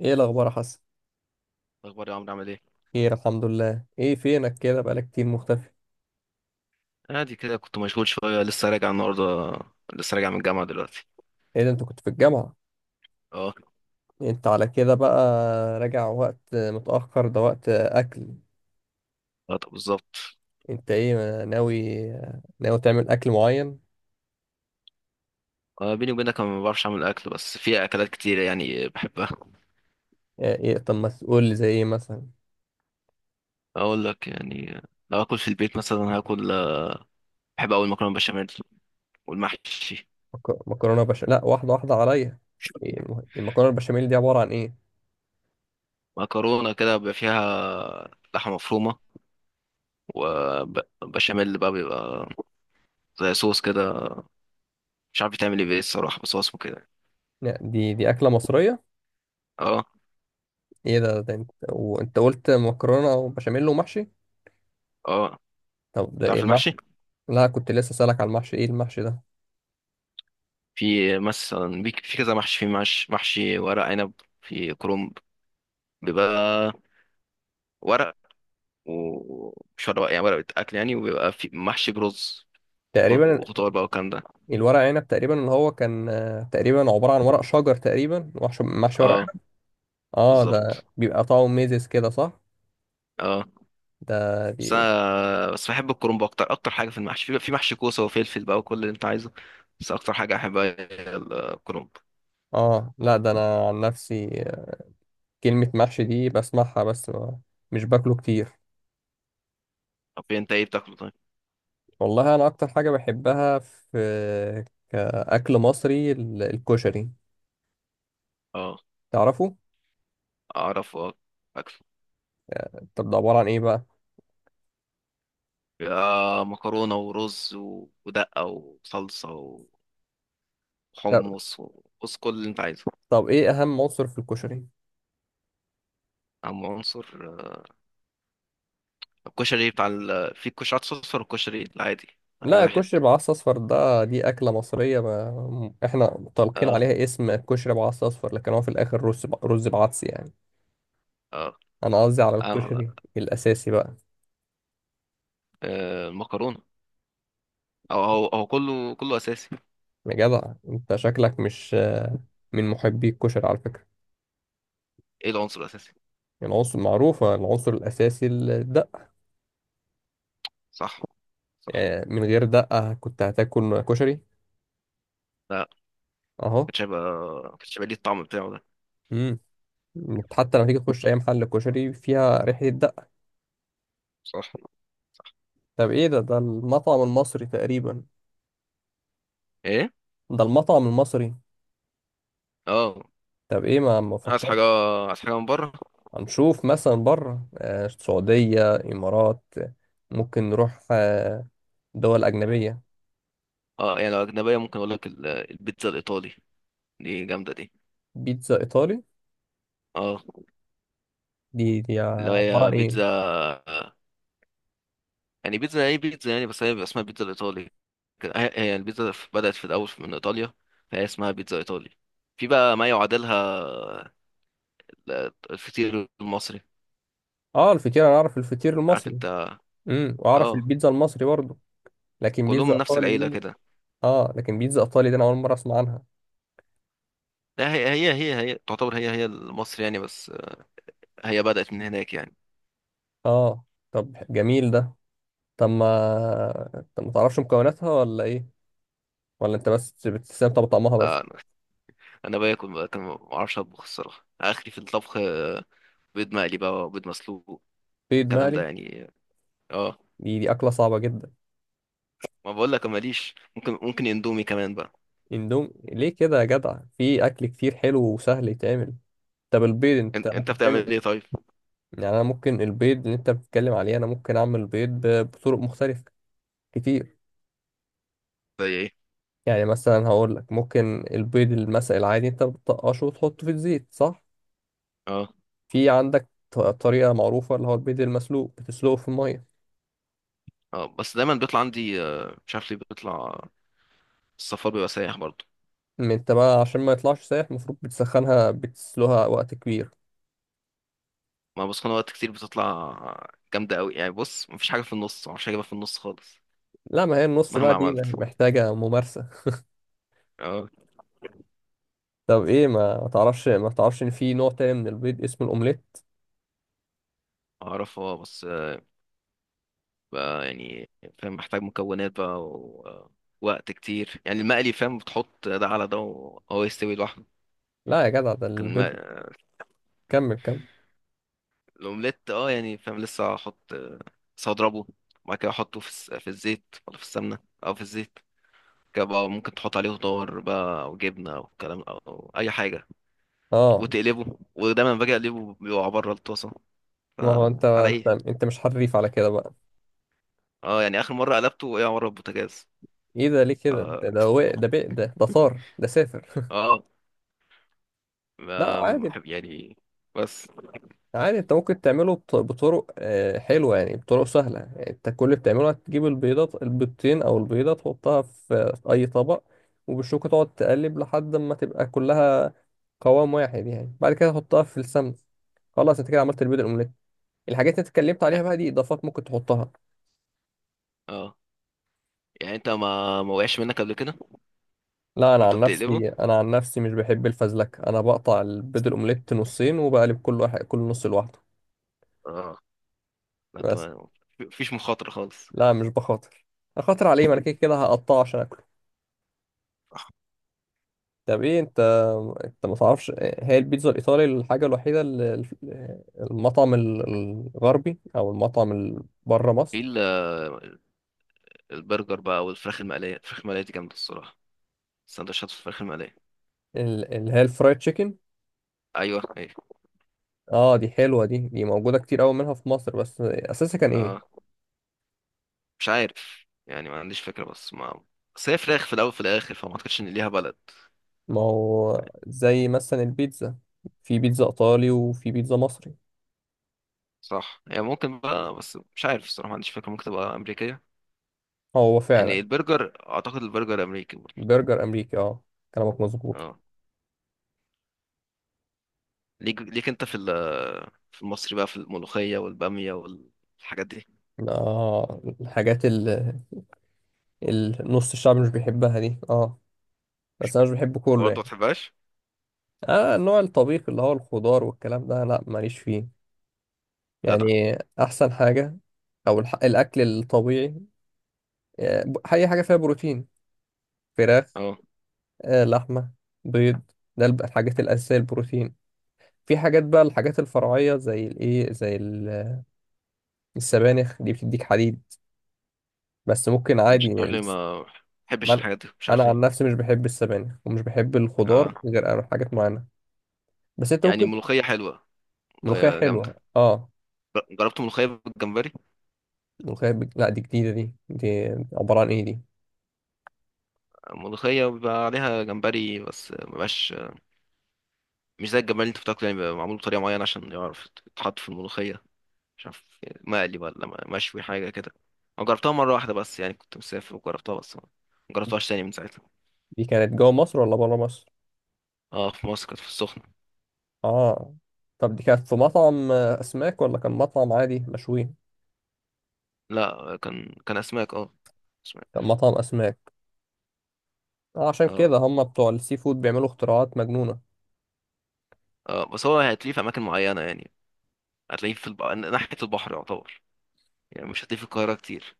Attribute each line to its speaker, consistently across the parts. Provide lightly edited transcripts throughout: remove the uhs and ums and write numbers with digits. Speaker 1: ايه الاخبار يا حسن؟
Speaker 2: اخبار يا عمرو، عامل ايه؟
Speaker 1: خير الحمد لله. ايه فينك كده بقالك كتير مختفي؟
Speaker 2: عادي كده، كنت مشغول شويه، لسه راجع النهارده. لسه راجع من الجامعه دلوقتي.
Speaker 1: ايه ده، انت كنت في الجامعة؟
Speaker 2: اه.
Speaker 1: انت على كده بقى، راجع وقت متأخر ده وقت اكل؟
Speaker 2: آه، طب بالظبط.
Speaker 1: انت ايه ناوي، ناوي تعمل اكل معين؟
Speaker 2: آه، بيني وبينك انا ما بعرفش اعمل اكل، بس في اكلات كتير يعني بحبها.
Speaker 1: اه، ايه طب ما تقول لي زي ايه مثلا؟
Speaker 2: اقول لك يعني. لو اكل في البيت مثلا هاكل بحب، اول مكرونه بشاميل، والمحشي.
Speaker 1: مكرونة بشاميل؟ لا واحدة واحدة عليا. إيه المكرونة البشاميل دي عبارة عن ايه؟
Speaker 2: مكرونه كده بيبقى فيها لحمه مفرومه، وبشاميل بقى بيبقى زي صوص كده. مش عارف بتعمل ايه بيه الصراحه، بس هو اسمه كده.
Speaker 1: لا، دي اكلة مصرية.
Speaker 2: اه.
Speaker 1: ايه ده، ده انت وانت قلت مكرونة وبشاميل ومحشي.
Speaker 2: اه.
Speaker 1: طب ده ايه
Speaker 2: تعرف
Speaker 1: المحشي؟
Speaker 2: المحشي؟
Speaker 1: لا كنت لسه سألك على المحشي، ايه المحشي ده؟
Speaker 2: في مثلا في كذا محشي، في محشي ورق عنب. في كرنب. بيبقى ورق. ومش ورق يعني، ورق اكل يعني، وبيبقى في محشي برز.
Speaker 1: تقريبا
Speaker 2: وخضار بقى، والكلام ده.
Speaker 1: الورق عنب، تقريبا اللي هو كان تقريبا عبارة عن ورق شجر، تقريبا محشي ورق
Speaker 2: اه.
Speaker 1: عنب. اه ده
Speaker 2: بالظبط.
Speaker 1: بيبقى طعمه ميزز كده، صح؟
Speaker 2: اه.
Speaker 1: ده
Speaker 2: بس
Speaker 1: دي.
Speaker 2: أنا بس بحب الكرنب، اكتر اكتر حاجه في المحشي، في محشي كوسه وفلفل بقى، وكل اللي انت عايزه. بس اكتر حاجه احبها هي الكرنب.
Speaker 1: اه، لا ده انا عن نفسي، كلمة محشي دي بسمعها بس مش باكله كتير.
Speaker 2: طب انت ايه بتاكله طيب؟
Speaker 1: والله انا اكتر حاجة بحبها في كأكل مصري الكشري،
Speaker 2: اه.
Speaker 1: تعرفه؟
Speaker 2: اعرف، اه. اكله.
Speaker 1: طب ده عبارة عن ايه بقى؟
Speaker 2: بيبقى مكرونه ورز ودقه وصلصه،
Speaker 1: طب,
Speaker 2: حمص وبص، كل اللي انت عايزه.
Speaker 1: طب ايه اهم عنصر في الكشري؟
Speaker 2: عنصر الكشري بتاع في كشري اصفر والكشري العادي. يعني
Speaker 1: لا
Speaker 2: واحد.
Speaker 1: الكشري بعصس اصفر، ده دي اكله مصريه ما احنا طالقين
Speaker 2: اه.
Speaker 1: عليها اسم كشري بعصس اصفر، لكن هو في الاخر رز رز بعدس يعني.
Speaker 2: اه.
Speaker 1: انا قصدي على نعم،
Speaker 2: آم-
Speaker 1: الكشري الاساسي بقى.
Speaker 2: المكرونه. او هو كله كله اساسي.
Speaker 1: يا جدع انت شكلك مش من محبي الكشري على فكره.
Speaker 2: ايه العنصر الاساسي؟
Speaker 1: العنصر معروفه، العنصر الاساسي الدقه.
Speaker 2: صح. صح.
Speaker 1: يعني من غير دقه كنت هتاكل كشري؟
Speaker 2: لا،
Speaker 1: اهو.
Speaker 2: كانتش هيبقى. كانتش هيبقى ليه الطعم بتاعه ده.
Speaker 1: امم، حتى لما تيجي تخش اي محل كشري فيها ريحه الدقه.
Speaker 2: صح.
Speaker 1: طب ايه ده، ده المطعم المصري تقريبا.
Speaker 2: ايه.
Speaker 1: ده المطعم المصري.
Speaker 2: اه.
Speaker 1: طب ايه، ما
Speaker 2: عايز
Speaker 1: مفكرش؟
Speaker 2: حاجه عايز حاجه من بره.
Speaker 1: هنشوف مثلا بره، السعودية، إمارات، ممكن نروح، دول أجنبية.
Speaker 2: اه، يعني لو اجنبيه ممكن اقول لك البيتزا الايطالي. دي جامده دي.
Speaker 1: بيتزا إيطالي؟
Speaker 2: اه.
Speaker 1: دي دي
Speaker 2: اللي
Speaker 1: عبارة عن
Speaker 2: هي
Speaker 1: إيه؟
Speaker 2: بيتزا. يعني بيتزا، ايه بيتزا يعني، بس هي بيبقى اسمها بيتزا الايطالي. هي البيتزا بدأت في الأول من إيطاليا. فهي اسمها بيتزا إيطالي. في بقى ما يعادلها، الفطير المصري.
Speaker 1: آه الفطير، أنا أعرف الفطير
Speaker 2: عارف
Speaker 1: المصري.
Speaker 2: أنت؟
Speaker 1: امم، وأعرف
Speaker 2: اه.
Speaker 1: البيتزا المصري برضه. لكن
Speaker 2: كلهم
Speaker 1: بيتزا
Speaker 2: من نفس
Speaker 1: إيطالي
Speaker 2: العيلة
Speaker 1: دي.
Speaker 2: كده.
Speaker 1: آه لكن بيتزا إيطالي دي أنا أول مرة أسمع عنها.
Speaker 2: لا، هي تعتبر هي المصري يعني، بس هي بدأت من هناك يعني.
Speaker 1: آه. طب جميل ده. طب ما طب ما تعرفش مكوناتها ولا إيه؟ ولا أنت بس بتستمتع بطعمها بس؟
Speaker 2: لا، أنا. أنا باكل بقى كان ما أعرفش أطبخ، الصراحة آخري في الطبخ بيض مقلي بقى، وبيض مسلوق.
Speaker 1: بيض
Speaker 2: الكلام ده
Speaker 1: مقلي؟
Speaker 2: يعني. اه.
Speaker 1: دي دي أكلة صعبة جدا.
Speaker 2: ما بقول لك ماليش، ممكن اندومي كمان بقى.
Speaker 1: اندومي ليه كده يا جدع، في اكل كتير حلو وسهل يتعمل. طب البيض انت
Speaker 2: انت
Speaker 1: ممكن
Speaker 2: بتعمل
Speaker 1: تعمل.
Speaker 2: ايه طيب؟
Speaker 1: يعني انا ممكن البيض اللي انت بتتكلم عليه انا ممكن اعمل بيض بطرق مختلفة كتير.
Speaker 2: زي ايه؟
Speaker 1: يعني مثلا هقول لك ممكن البيض المسلق العادي انت بتطقشه وتحطه في الزيت، صح؟
Speaker 2: اه.
Speaker 1: في عندك طريقة معروفة اللي هو البيض المسلوق بتسلقه في المية.
Speaker 2: اه، بس دايما بيطلع عندي مش عارف ليه بيطلع. السفر بيبقى سايح برضه.
Speaker 1: انت بقى عشان ما يطلعش سايح المفروض بتسخنها بتسلقها وقت كبير.
Speaker 2: ما بسخن وقت كتير بتطلع. جامدة قوي يعني، بص مفيش حاجة في النص، معرفش اجيبها في النص خالص.
Speaker 1: لا ما هي النص بقى
Speaker 2: مهما
Speaker 1: دي
Speaker 2: عملت.
Speaker 1: محتاجة ممارسة.
Speaker 2: اه.
Speaker 1: طب ايه، ما ما تعرفش، ما تعرفش ان في نوع تاني من البيض اسمه الاومليت؟
Speaker 2: اعرف، اه، بس بقى يعني. فاهم، محتاج مكونات بقى، ووقت كتير يعني. المقلي فاهم، بتحط ده على ده وهو يستوي لوحده.
Speaker 1: لا يا جدع ده
Speaker 2: لكن
Speaker 1: البيض.
Speaker 2: ما-
Speaker 1: كمل كمل.
Speaker 2: الاومليت، اه، يعني فاهم، لسه هحط، لسه هضربه، وبعد كده احطه في في الزيت ولا في السمنة. او في الزيت. بقى ممكن تحط عليه خضار بقى، او جبنه او كلام او اي حاجه،
Speaker 1: اه
Speaker 2: وتقلبه. ودايما باجي اقلبه بيقع بره الطاسه،
Speaker 1: ما هو انت
Speaker 2: فعلى
Speaker 1: انت
Speaker 2: ايه.
Speaker 1: انت مش حريف على كده بقى.
Speaker 2: اه. يعني اخر مره قلبته وقع بره البوتاجاز.
Speaker 1: ايه ده ليه
Speaker 2: ف
Speaker 1: كده، ده ده ده ده ده طار ده سافر.
Speaker 2: اه.
Speaker 1: لا عادي.
Speaker 2: بحب يعني. بس.
Speaker 1: عادي انت ممكن تعمله بطرق، حلوه يعني، بطرق سهله. يعني انت كل اللي بتعمله هتجيب البيضات البيضتين او البيضه، تحطها في اي طبق، وبالشوكه تقعد تقلب لحد ما تبقى كلها قوام واحد. يعني بعد كده تحطها في السمن، خلاص انت كده عملت البيض الاومليت. الحاجات اللي اتكلمت عليها بقى دي اضافات ممكن تحطها.
Speaker 2: اه. يعني انت ما وقعش منك قبل كده؟
Speaker 1: لا انا
Speaker 2: وانت
Speaker 1: عن
Speaker 2: بتقلبه.
Speaker 1: نفسي، مش بحب الفزلكه، انا بقطع البيض الاومليت نصين وبقلب كل واحد، كل نص لوحده.
Speaker 2: اه. ما انت
Speaker 1: بس.
Speaker 2: ما فيش مخاطره خالص.
Speaker 1: لا مش بخاطر، اخاطر عليه ما انا كده كده هقطعه عشان اكله. طب ايه انت، انت ما تعرفش هي البيتزا الايطالي الحاجه الوحيده اللي المطعم الغربي او المطعم بره
Speaker 2: في
Speaker 1: مصر؟
Speaker 2: البرجر بقى، والفراخ المقليه. الفراخ المقليه دي جامده الصراحه. سندوتشات الفراخ المقليه.
Speaker 1: اللي هي الفرايد تشيكن.
Speaker 2: ايوه، ايوه.
Speaker 1: اه دي حلوه، دي دي موجوده كتير قوي منها في مصر، بس اساسها كان ايه؟
Speaker 2: اه. مش عارف يعني، ما عنديش فكرة، بس ما بس هي فراخ في الأول في الآخر، فما أعتقدش إن ليها بلد.
Speaker 1: ما هو زي مثلا البيتزا، في بيتزا ايطالي وفي بيتزا مصري.
Speaker 2: صح، هي ممكن بقى، بس مش عارف الصراحة، ما عنديش فكرة، ممكن تبقى أمريكية.
Speaker 1: آه، هو
Speaker 2: يعني
Speaker 1: فعلا.
Speaker 2: البرجر، أعتقد البرجر أمريكي برضه.
Speaker 1: برجر امريكي، اه. كلامك مظبوط.
Speaker 2: اه. ليك ليك أنت في في المصري بقى، في الملوخية والبامية والحاجات دي.
Speaker 1: اه الحاجات اللي نص الشعب مش بيحبها دي، اه. بس انا مش بحبه كله
Speaker 2: برضه ما
Speaker 1: يعني.
Speaker 2: تحبهاش؟
Speaker 1: اه النوع الطبيخ اللي هو الخضار والكلام ده لا ماليش فيه.
Speaker 2: جدع.
Speaker 1: يعني احسن حاجة او الاكل الطبيعي، اي حاجة فيها بروتين: فراخ،
Speaker 2: اه،
Speaker 1: لحمة، بيض. ده الحاجات الاساسية البروتين. في حاجات بقى الحاجات الفرعية زي الايه زي السبانخ دي بتديك حديد، بس ممكن عادي
Speaker 2: مش
Speaker 1: يعني
Speaker 2: عارف ليه ما بحبش
Speaker 1: من-
Speaker 2: الحاجات دي، مش
Speaker 1: انا
Speaker 2: عارف
Speaker 1: عن
Speaker 2: ليه.
Speaker 1: نفسي مش بحب السبانخ ومش بحب
Speaker 2: اه،
Speaker 1: الخضار غير حاجات معينة. بس انت
Speaker 2: يعني
Speaker 1: ممكن.
Speaker 2: الملوخية حلوة.
Speaker 1: ملوخية
Speaker 2: ملوخية جامدة.
Speaker 1: حلوة، اه.
Speaker 2: جربت ملوخية بالجمبري.
Speaker 1: ملوخية لا دي جديدة. دي دي عبارة عن ايه دي؟
Speaker 2: الملوخية بيبقى عليها جمبري، بس مبقاش مش زي الجمال اللي انت بتاكله يعني، بيبقى معمول بطريقه معينه عشان يعرف يتحط في الملوخيه. مش عارف، مقلي ولا مشوي حاجه كده. انا جربتها مره واحده بس يعني، كنت مسافر وجربتها، بس ما ما جربتهاش تاني من ساعتها.
Speaker 1: دي كانت جوه مصر ولا بره مصر؟
Speaker 2: اه، في مصر كانت في السخنه.
Speaker 1: اه. طب دي كانت في مطعم، اسماك، ولا كان مطعم عادي مشوي؟
Speaker 2: لا، كان اسماك، اه.
Speaker 1: كان
Speaker 2: اسماك.
Speaker 1: مطعم اسماك. عشان
Speaker 2: اه،
Speaker 1: كده هم بتوع السي فود بيعملوا اختراعات مجنونة.
Speaker 2: اه، بس هو هتلاقيه في اماكن معينه يعني. هتلاقيه في ناحيه البحر يعتبر. يعني مش هتلاقيه في القاهره كتير.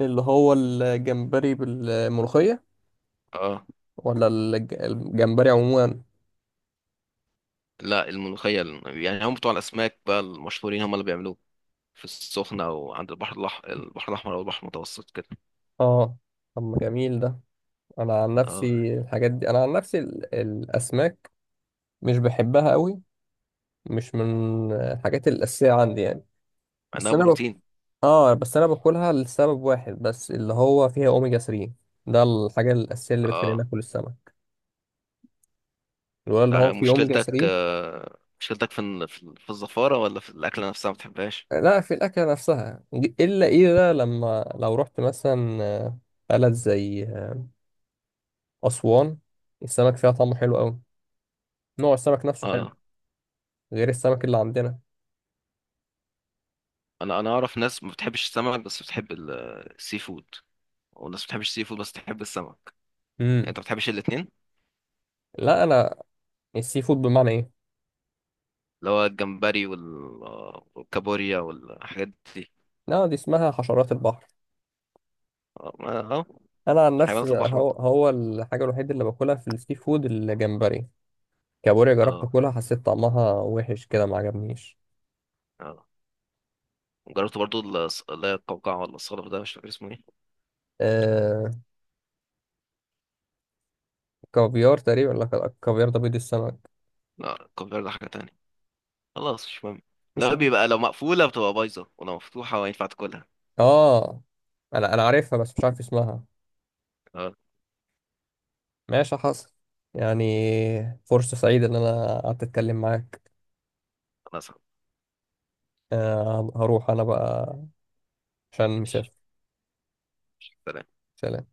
Speaker 1: اللي هو الجمبري بالملوخية
Speaker 2: اه.
Speaker 1: ولا الجمبري عموما؟
Speaker 2: لا، الملوخيه، يعني هم بتوع الاسماك بقى المشهورين هم اللي بيعملوه. في السخنه وعند البحر البحر الاحمر او البحر المتوسط كده.
Speaker 1: اه. طب ما جميل ده. انا عن
Speaker 2: اه.
Speaker 1: نفسي الحاجات دي، انا عن نفسي الاسماك مش بحبها قوي، مش من الحاجات الاساسيه عندي يعني.
Speaker 2: عندها
Speaker 1: بس انا
Speaker 2: بروتين.
Speaker 1: اه بس انا باكلها لسبب واحد بس اللي هو فيها اوميجا 3. ده الحاجه الاساسيه اللي بتخليني
Speaker 2: اه،
Speaker 1: اكل السمك، لولا ان هو
Speaker 2: ده
Speaker 1: فيه اوميجا
Speaker 2: مشكلتك
Speaker 1: 3.
Speaker 2: مشكلتك في في الزفارة، ولا في الأكلة نفسها ما بتحبهاش؟
Speaker 1: لا في الاكله نفسها. الا ايه ده، لما لو رحت مثلا بلد زي اسوان، السمك فيها طعمه حلو قوي، نوع السمك نفسه حلو
Speaker 2: اه.
Speaker 1: غير السمك اللي عندنا.
Speaker 2: انا اعرف ناس ما بتحبش السمك، بس بتحب السي فود. وناس ما بتحبش السي فود، بس بتحب السمك. يعني
Speaker 1: امم.
Speaker 2: انت ما بتحبش الاتنين.
Speaker 1: لا انا، السي فود بمعنى ايه؟
Speaker 2: اللي هو الجمبري والكابوريا والحاجات دي.
Speaker 1: لا دي اسمها حشرات البحر.
Speaker 2: اه.
Speaker 1: انا عن نفسي
Speaker 2: حيوانات البحر
Speaker 1: هو
Speaker 2: برضه.
Speaker 1: هو الحاجه الوحيده اللي باكلها في السي فود الجمبري. كابوريا جربت
Speaker 2: اه.
Speaker 1: اكلها حسيت طعمها وحش كده ما عجبنيش.
Speaker 2: اه. جربت برضه. اللي هي القوقعة ولا الصقر ده، مش فاكر اسمه ايه.
Speaker 1: آه كافيار تقريبا. لا الكافيار ده بيض السمك.
Speaker 2: لا، القوقعة ده حاجة تانية. خلاص، مش مهم.
Speaker 1: مش
Speaker 2: لا،
Speaker 1: مهم.
Speaker 2: بيبقى لو مقفولة بتبقى بايظة، ولو مفتوحة ينفع تاكلها.
Speaker 1: اه انا انا عارفها بس مش عارف اسمها.
Speaker 2: اه.
Speaker 1: ماشي حصل. يعني فرصه سعيده ان انا قعدت اتكلم معاك.
Speaker 2: خلاص.
Speaker 1: آه هروح انا بقى عشان مسافر.
Speaker 2: ماشي. سلام.
Speaker 1: سلام.